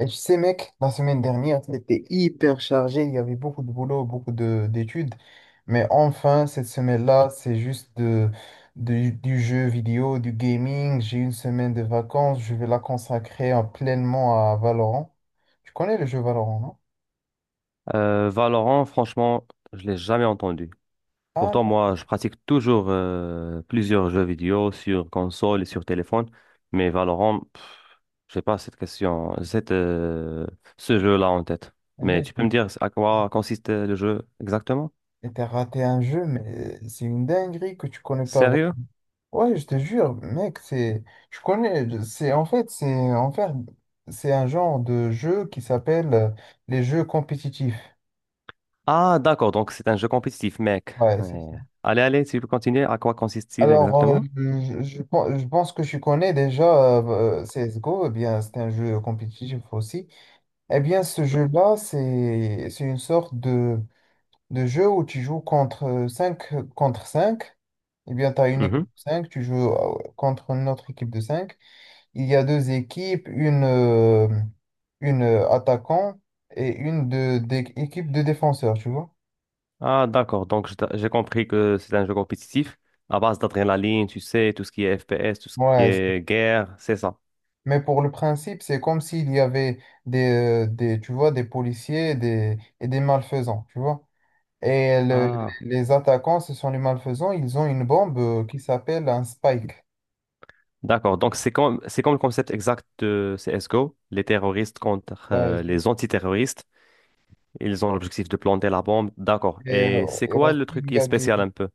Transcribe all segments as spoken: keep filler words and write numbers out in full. Et tu sais, mec, la semaine dernière, c'était hyper chargé. Il y avait beaucoup de boulot, beaucoup de d'études. Mais enfin, cette semaine-là, c'est juste de, de- du jeu vidéo, du gaming. J'ai une semaine de vacances. Je vais la consacrer euh, pleinement à Valorant. Tu connais le jeu Valorant, non? Euh, Valorant, franchement, je l'ai jamais entendu. Ah Pourtant, non, moi, je pratique toujours euh, plusieurs jeux vidéo sur console et sur téléphone, mais Valorant, pff, j'ai pas cette question, cette, euh, ce jeu-là en tête. Mais mais tu peux me mec, dire à quoi consiste le jeu exactement? mais t'as raté un jeu, mais c'est une dinguerie que tu connais pas. Sérieux? Ouais, je te jure, mec, c'est, je connais, c'est en fait, c'est en fait, c'est un genre de jeu qui s'appelle euh, les jeux compétitifs. Ah, d'accord, donc c'est un jeu compétitif, mec. Ouais, c'est Ouais. ça. Allez, allez, tu peux continuer. À quoi consiste-t-il Alors, euh, exactement? je, je pen- je pense que je connais déjà euh, C S G O. Eh bien, c'est un jeu compétitif aussi. Eh bien, ce jeu-là, c'est, c'est une sorte de, de jeu où tu joues contre cinq contre cinq. Eh bien, tu as une équipe de cinq, tu joues euh, contre une autre équipe de cinq. Il y a deux équipes, une, euh, une euh, attaquant et une de, des équipes de défenseurs, tu vois. Ah, d'accord. Donc, je j'ai compris que c'est un jeu compétitif à base d'adrénaline, tu sais, tout ce qui est F P S, tout ce qui Ouais, c'est- est guerre, c'est ça. mais pour le principe, c'est comme s'il y avait des, euh, des, tu vois, des policiers et des, et des malfaisants, tu vois. Et le- Ah, les attaquants, ce sont les malfaisants, ils ont une bombe euh, qui s'appelle un spike. d'accord. Donc, c'est comme, c'est comme le concept exact de C S G O, les terroristes contre Ouais, euh, les antiterroristes. Ils ont l'objectif de planter la bombe. D'accord. et, Et euh, c'est et quoi aussi, le truc il qui y est a des, spécial un peu?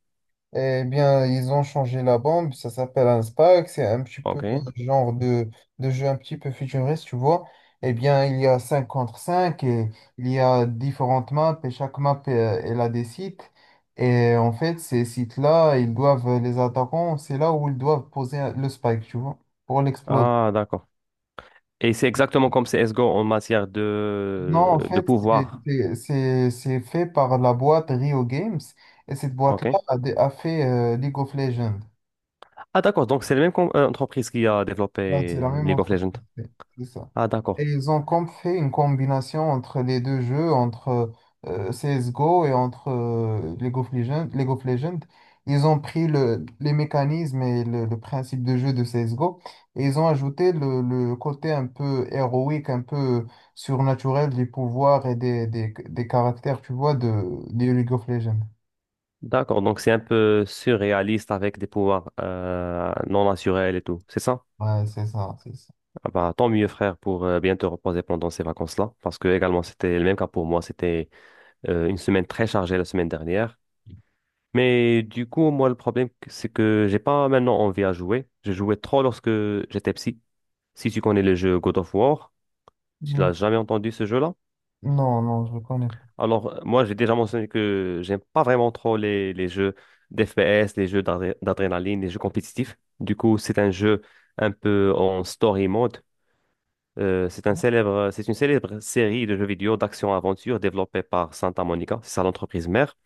eh bien, ils ont changé la bombe, ça s'appelle un SPAC, c'est un petit peu OK. un genre de, de jeu un petit peu futuriste, tu vois. Eh bien, il y a cinq contre cinq et il y a différentes maps et chaque map, euh, elle a des sites. Et en fait, ces sites-là, ils doivent, les attaquants, c'est là où ils doivent poser un- le spike, tu vois, pour l'exploser. Ah, d'accord. Et c'est exactement comme C S G O en matière Non, de, en de fait, c'est pouvoir. c'est- c'est- c'est fait par la boîte Rio Games et cette boîte-là OK. a, dé- a fait euh, League of Legends. Ah, d'accord. Donc, c'est la même com- euh, entreprise qui a Ouais, c'est développé la même League of Legends. entreprise, c'est c'est ça. Ah, Et d'accord. ils ont com- fait une combinaison entre les deux jeux, entre euh, C S G O et entre euh, League of Legends, League of Legends. Ils ont pris le, les mécanismes et le, le principe de jeu de C S G O et ils ont ajouté le, le côté un peu héroïque, un peu surnaturel des pouvoirs et des, des, des caractères, tu vois, de, de League of Legends. D'accord, donc c'est un peu surréaliste avec des pouvoirs euh, non naturels et tout, c'est ça? Ouais, c'est ça, c'est ça. Ah bah, tant mieux frère pour euh, bien te reposer pendant ces vacances-là, parce que également c'était le même cas pour moi, c'était euh, une semaine très chargée la semaine dernière. Mais du coup, moi le problème c'est que j'ai pas maintenant envie à jouer, je jouais trop lorsque j'étais psy. Si tu connais le jeu God of War, tu Mm. l'as jamais entendu ce jeu-là? Non, non, je ne connais pas. Alors, euh, moi, j'ai déjà mentionné que j'aime pas vraiment trop les, les jeux d'F P S, les jeux d'adré- d'adrénaline, les jeux compétitifs. Du coup, c'est un jeu un peu en story mode. Euh, c'est un célèbre, c'est une célèbre série de jeux vidéo d'action-aventure développée par Santa Monica, c'est ça l'entreprise mère.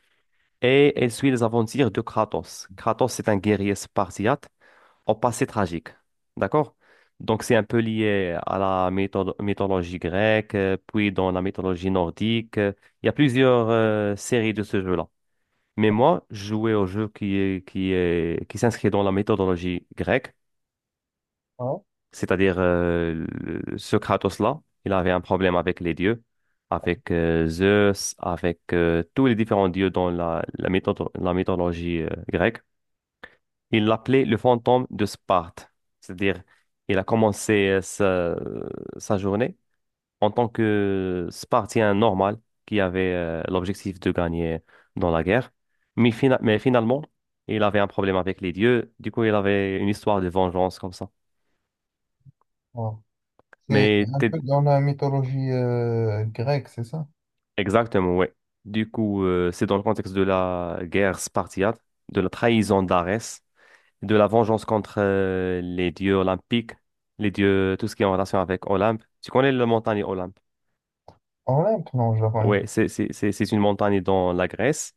Et elle suit les aventures de Kratos. Kratos, c'est un guerrier spartiate au passé tragique. D'accord? Donc, c'est un peu lié à la mytho- mythologie grecque, euh, puis dans la mythologie nordique. Euh, Il y a plusieurs euh, séries de ce jeu-là. Mais moi, je jouais au jeu qui est, qui est, qui s'inscrit dans la méthodologie grecque, Ouais. c'est-à-dire euh, le- ce Kratos-là, il avait un problème avec les dieux, avec euh, Zeus, avec euh, tous les différents dieux dans la, la, méthode- la mythologie euh, grecque. Il l'appelait le fantôme de Sparte. C'est-à-dire, il a commencé euh, sa, sa journée en tant que Spartien normal qui avait euh, l'objectif de gagner dans la guerre. Mais, fina- mais finalement, il avait un problème avec les dieux. Du coup, il avait une histoire de vengeance comme ça. Ouais. C'est Mais un t'es- peu dans la mythologie euh, grecque, c'est ça? Exactement, ouais. Du coup, euh, c'est dans le contexte de la guerre spartiate, de la trahison d'Arès, de la vengeance contre euh, les dieux olympiques, les dieux, tout ce qui est en relation avec Olympe. Tu connais la montagne Olympe? Olympe, non, je la connais Oui, c'est c'est- c'est- c'est une montagne dans la Grèce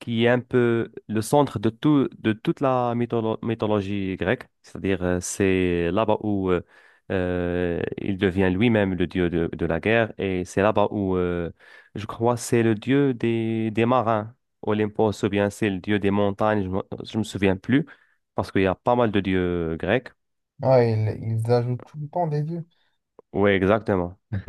qui est un peu le centre de tout, de toute la mytholo- mythologie grecque. C'est-à-dire, euh, c'est là-bas où euh, euh, il devient lui-même le dieu de, de la guerre, et c'est là-bas où, euh, je crois, c'est le dieu des, des marins. Olympos, ou bien c'est le dieu des montagnes, je ne me, je me souviens plus, parce qu'il y a pas mal de dieux grecs. pas. Ouais, ils, ils ajoutent tout le temps des dieux. Oui, exactement.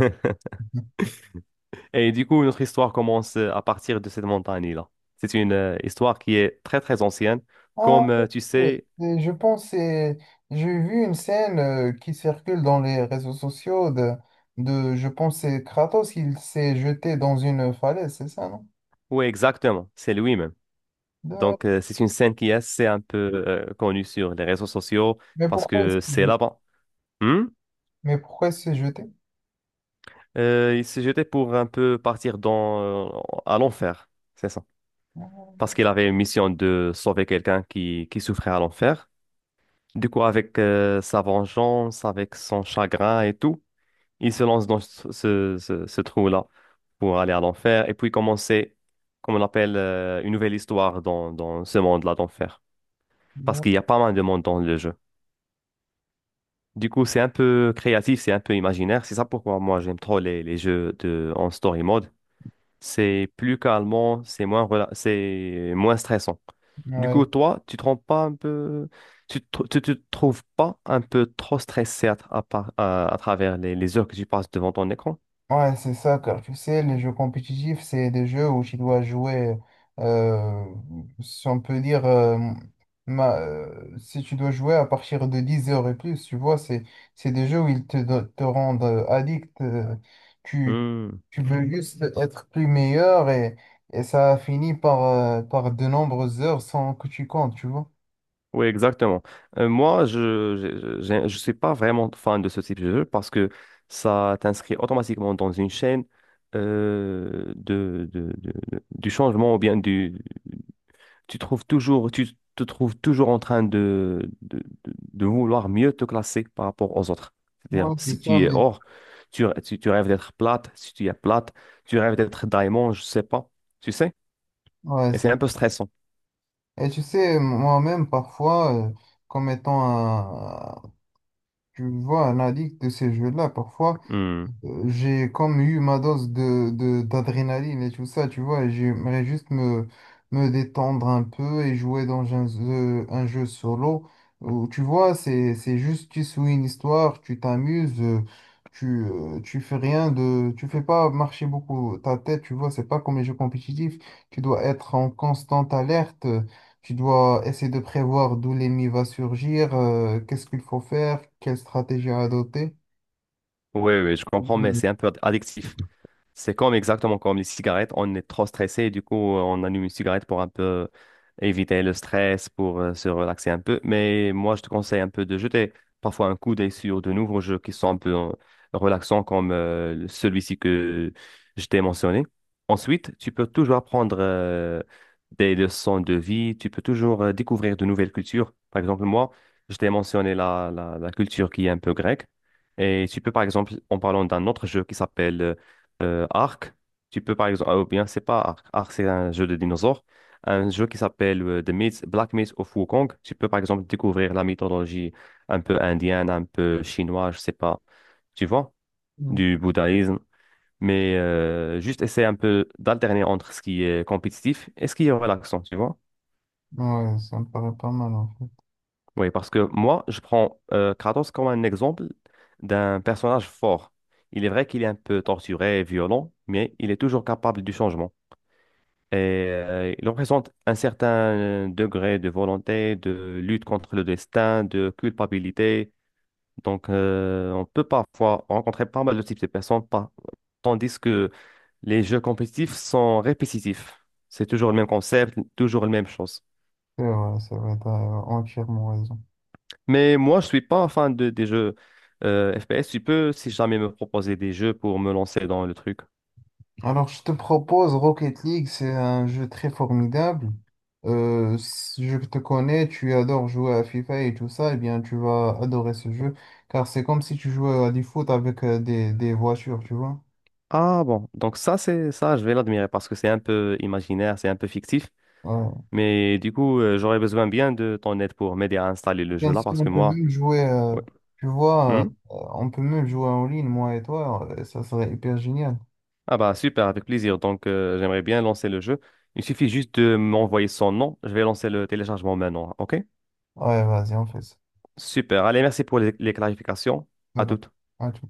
Et du coup, notre histoire commence euh, à partir de cette montagne-là. C'est une euh, histoire qui est très, très ancienne. Ah, Comme euh, tu ouais, sais, c'est- je pense, que c'est- j'ai vu une scène euh, qui circule dans les réseaux sociaux de, de je pense, que c'est Kratos, il s'est jeté dans une falaise, c'est ça, non? oui, exactement, c'est lui-même. Donc, De- euh, c'est une scène qui est assez un peu euh, connue sur les réseaux sociaux Mais parce pourquoi il s'est que c'est jeté? là-bas. Hmm. Mais pourquoi il s'est jeté? Euh, il s'est jeté pour un peu partir dans, euh, à l'enfer, c'est ça. Parce Ouais, qu'il avait une mission de sauver quelqu'un qui, qui souffrait à l'enfer. Du coup, avec euh, sa vengeance, avec son chagrin et tout. Il se lance dans ce, ce- ce- ce trou-là pour aller à l'enfer et puis commencer, comme on appelle, euh, une nouvelle histoire dans, dans ce monde-là d'enfer. Parce qu'il y a pas mal de monde dans le jeu. Du coup, c'est un peu créatif, c'est un peu imaginaire. C'est ça pourquoi moi j'aime trop les, les jeux de, en story mode. C'est plus calmant, c'est moins, rela- c'est moins stressant. Du ouais, coup, toi, tu te rends pas un peu, tu te, tu te trouves pas un peu trop stressé à, tra- à par- à- à travers les, les heures que tu passes devant ton écran? ouais, c'est ça, car tu sais, les jeux compétitifs, c'est des jeux où tu dois jouer, euh, si on peut dire, euh, ma- euh, si tu dois jouer à partir de dix heures et plus, tu vois, c'est, c'est des jeux où ils te, do- te rendent euh, addict, euh, tu, Hmm. tu veux Mhm. juste être plus meilleur et, et ça finit par, euh, par de nombreuses heures sans que tu comptes, tu vois. Oui, exactement. Euh, moi, je je, je- je suis pas vraiment fan de ce type de jeu parce que ça t'inscrit automatiquement dans une chaîne euh, de, de, de- de- du changement ou bien du tu trouves toujours tu te trouves toujours en train de de, de- de vouloir mieux te classer par rapport aux autres. C'est-à-dire Ouais, c'est si ça, tu es mais or, tu, tu, tu rêves d'être plate, si tu es plate, tu rêves d'être diamant, je sais pas, tu sais? ouais, Et c'est c'est. un peu stressant. Et tu sais, moi-même, parfois, euh, comme étant un, tu vois, un addict de ces jeux-là, parfois, Hmm. euh, j'ai comme eu ma dose de, de- d'adrénaline et tout ça, tu vois, et j'aimerais juste me, me détendre un peu et jouer dans un jeu, un jeu solo où, tu vois, c'est, c'est juste, tu suis une histoire, tu t'amuses, euh, tu, euh, tu fais rien de, tu fais pas marcher beaucoup ta tête, tu vois, c'est pas comme les jeux compétitifs, tu dois être en constante alerte. euh, Tu dois essayer de prévoir d'où l'ennemi va surgir, euh, qu'est-ce qu'il faut faire, quelle stratégie à adopter. Oui, oui, je comprends, mais c'est un peu addictif. C'est comme exactement comme les cigarettes, on est trop stressé et du coup on allume une cigarette pour un peu éviter le stress, pour euh, se relaxer un peu. Mais moi je te conseille un peu de jeter parfois un coup d'œil sur de nouveaux jeux qui sont un peu euh, relaxants comme euh, celui-ci que je t'ai mentionné. Ensuite, tu peux toujours apprendre euh, des leçons de vie, tu peux toujours euh, découvrir de nouvelles cultures. Par exemple, moi, je t'ai mentionné la, la, la culture qui est un peu grecque. Et tu peux par exemple, en parlant d'un autre jeu qui s'appelle... euh, euh, Ark. Tu peux par exemple, ah, ou bien c'est pas Ark, Ark c'est un jeu de dinosaures, un jeu qui s'appelle euh, The Myth, Black Myth of Wukong. Tu peux par exemple découvrir la mythologie un peu indienne, un peu chinoise, je sais pas, tu vois, Mhm. du bouddhisme. Mais euh, juste essayer un peu d'alterner entre ce qui est compétitif et ce qui est relaxant, tu vois. Ouais, ça me paraît pas mal en fait. Oui, parce que moi, je prends euh, Kratos comme un exemple d'un personnage fort. Il est vrai qu'il est un peu torturé et violent, mais il est toujours capable du changement. Et euh, il représente un certain euh, degré de volonté, de lutte contre le destin, de culpabilité. Donc, euh, on peut parfois rencontrer pas mal de types de personnes, par- tandis que les jeux compétitifs sont répétitifs. C'est toujours le même concept, toujours la même chose. C'est vrai, c'est vrai, t'as entièrement raison. Mais moi, je suis pas fan de, des jeux euh, F P S. Tu peux, si jamais, me proposer des jeux pour me lancer dans le truc. Alors, je te propose Rocket League, c'est un jeu très formidable. Euh, si je te connais, tu adores jouer à FIFA et tout ça, eh bien, tu vas adorer ce jeu, car c'est comme si tu jouais à du foot avec euh, des, des voitures, tu vois. Ah bon, donc ça, c'est ça, je vais l'admirer parce que c'est un peu imaginaire, c'est un peu fictif. Ouais. Mais du coup, euh, j'aurais besoin bien de ton aide pour m'aider à installer le jeu Bien là sûr, parce on que peut moi, même jouer, euh, ouais. tu vois, euh, Hmm? on peut même jouer en ligne, moi et toi, euh, ça serait hyper génial. Ah bah super, avec plaisir. Donc euh, j'aimerais bien lancer le jeu. Il suffit juste de m'envoyer son nom. Je vais lancer le téléchargement maintenant. OK? Ouais, vas-y, on fait ça. Super. Allez, merci pour les, les clarifications. Bye À bye. toutes. À tout.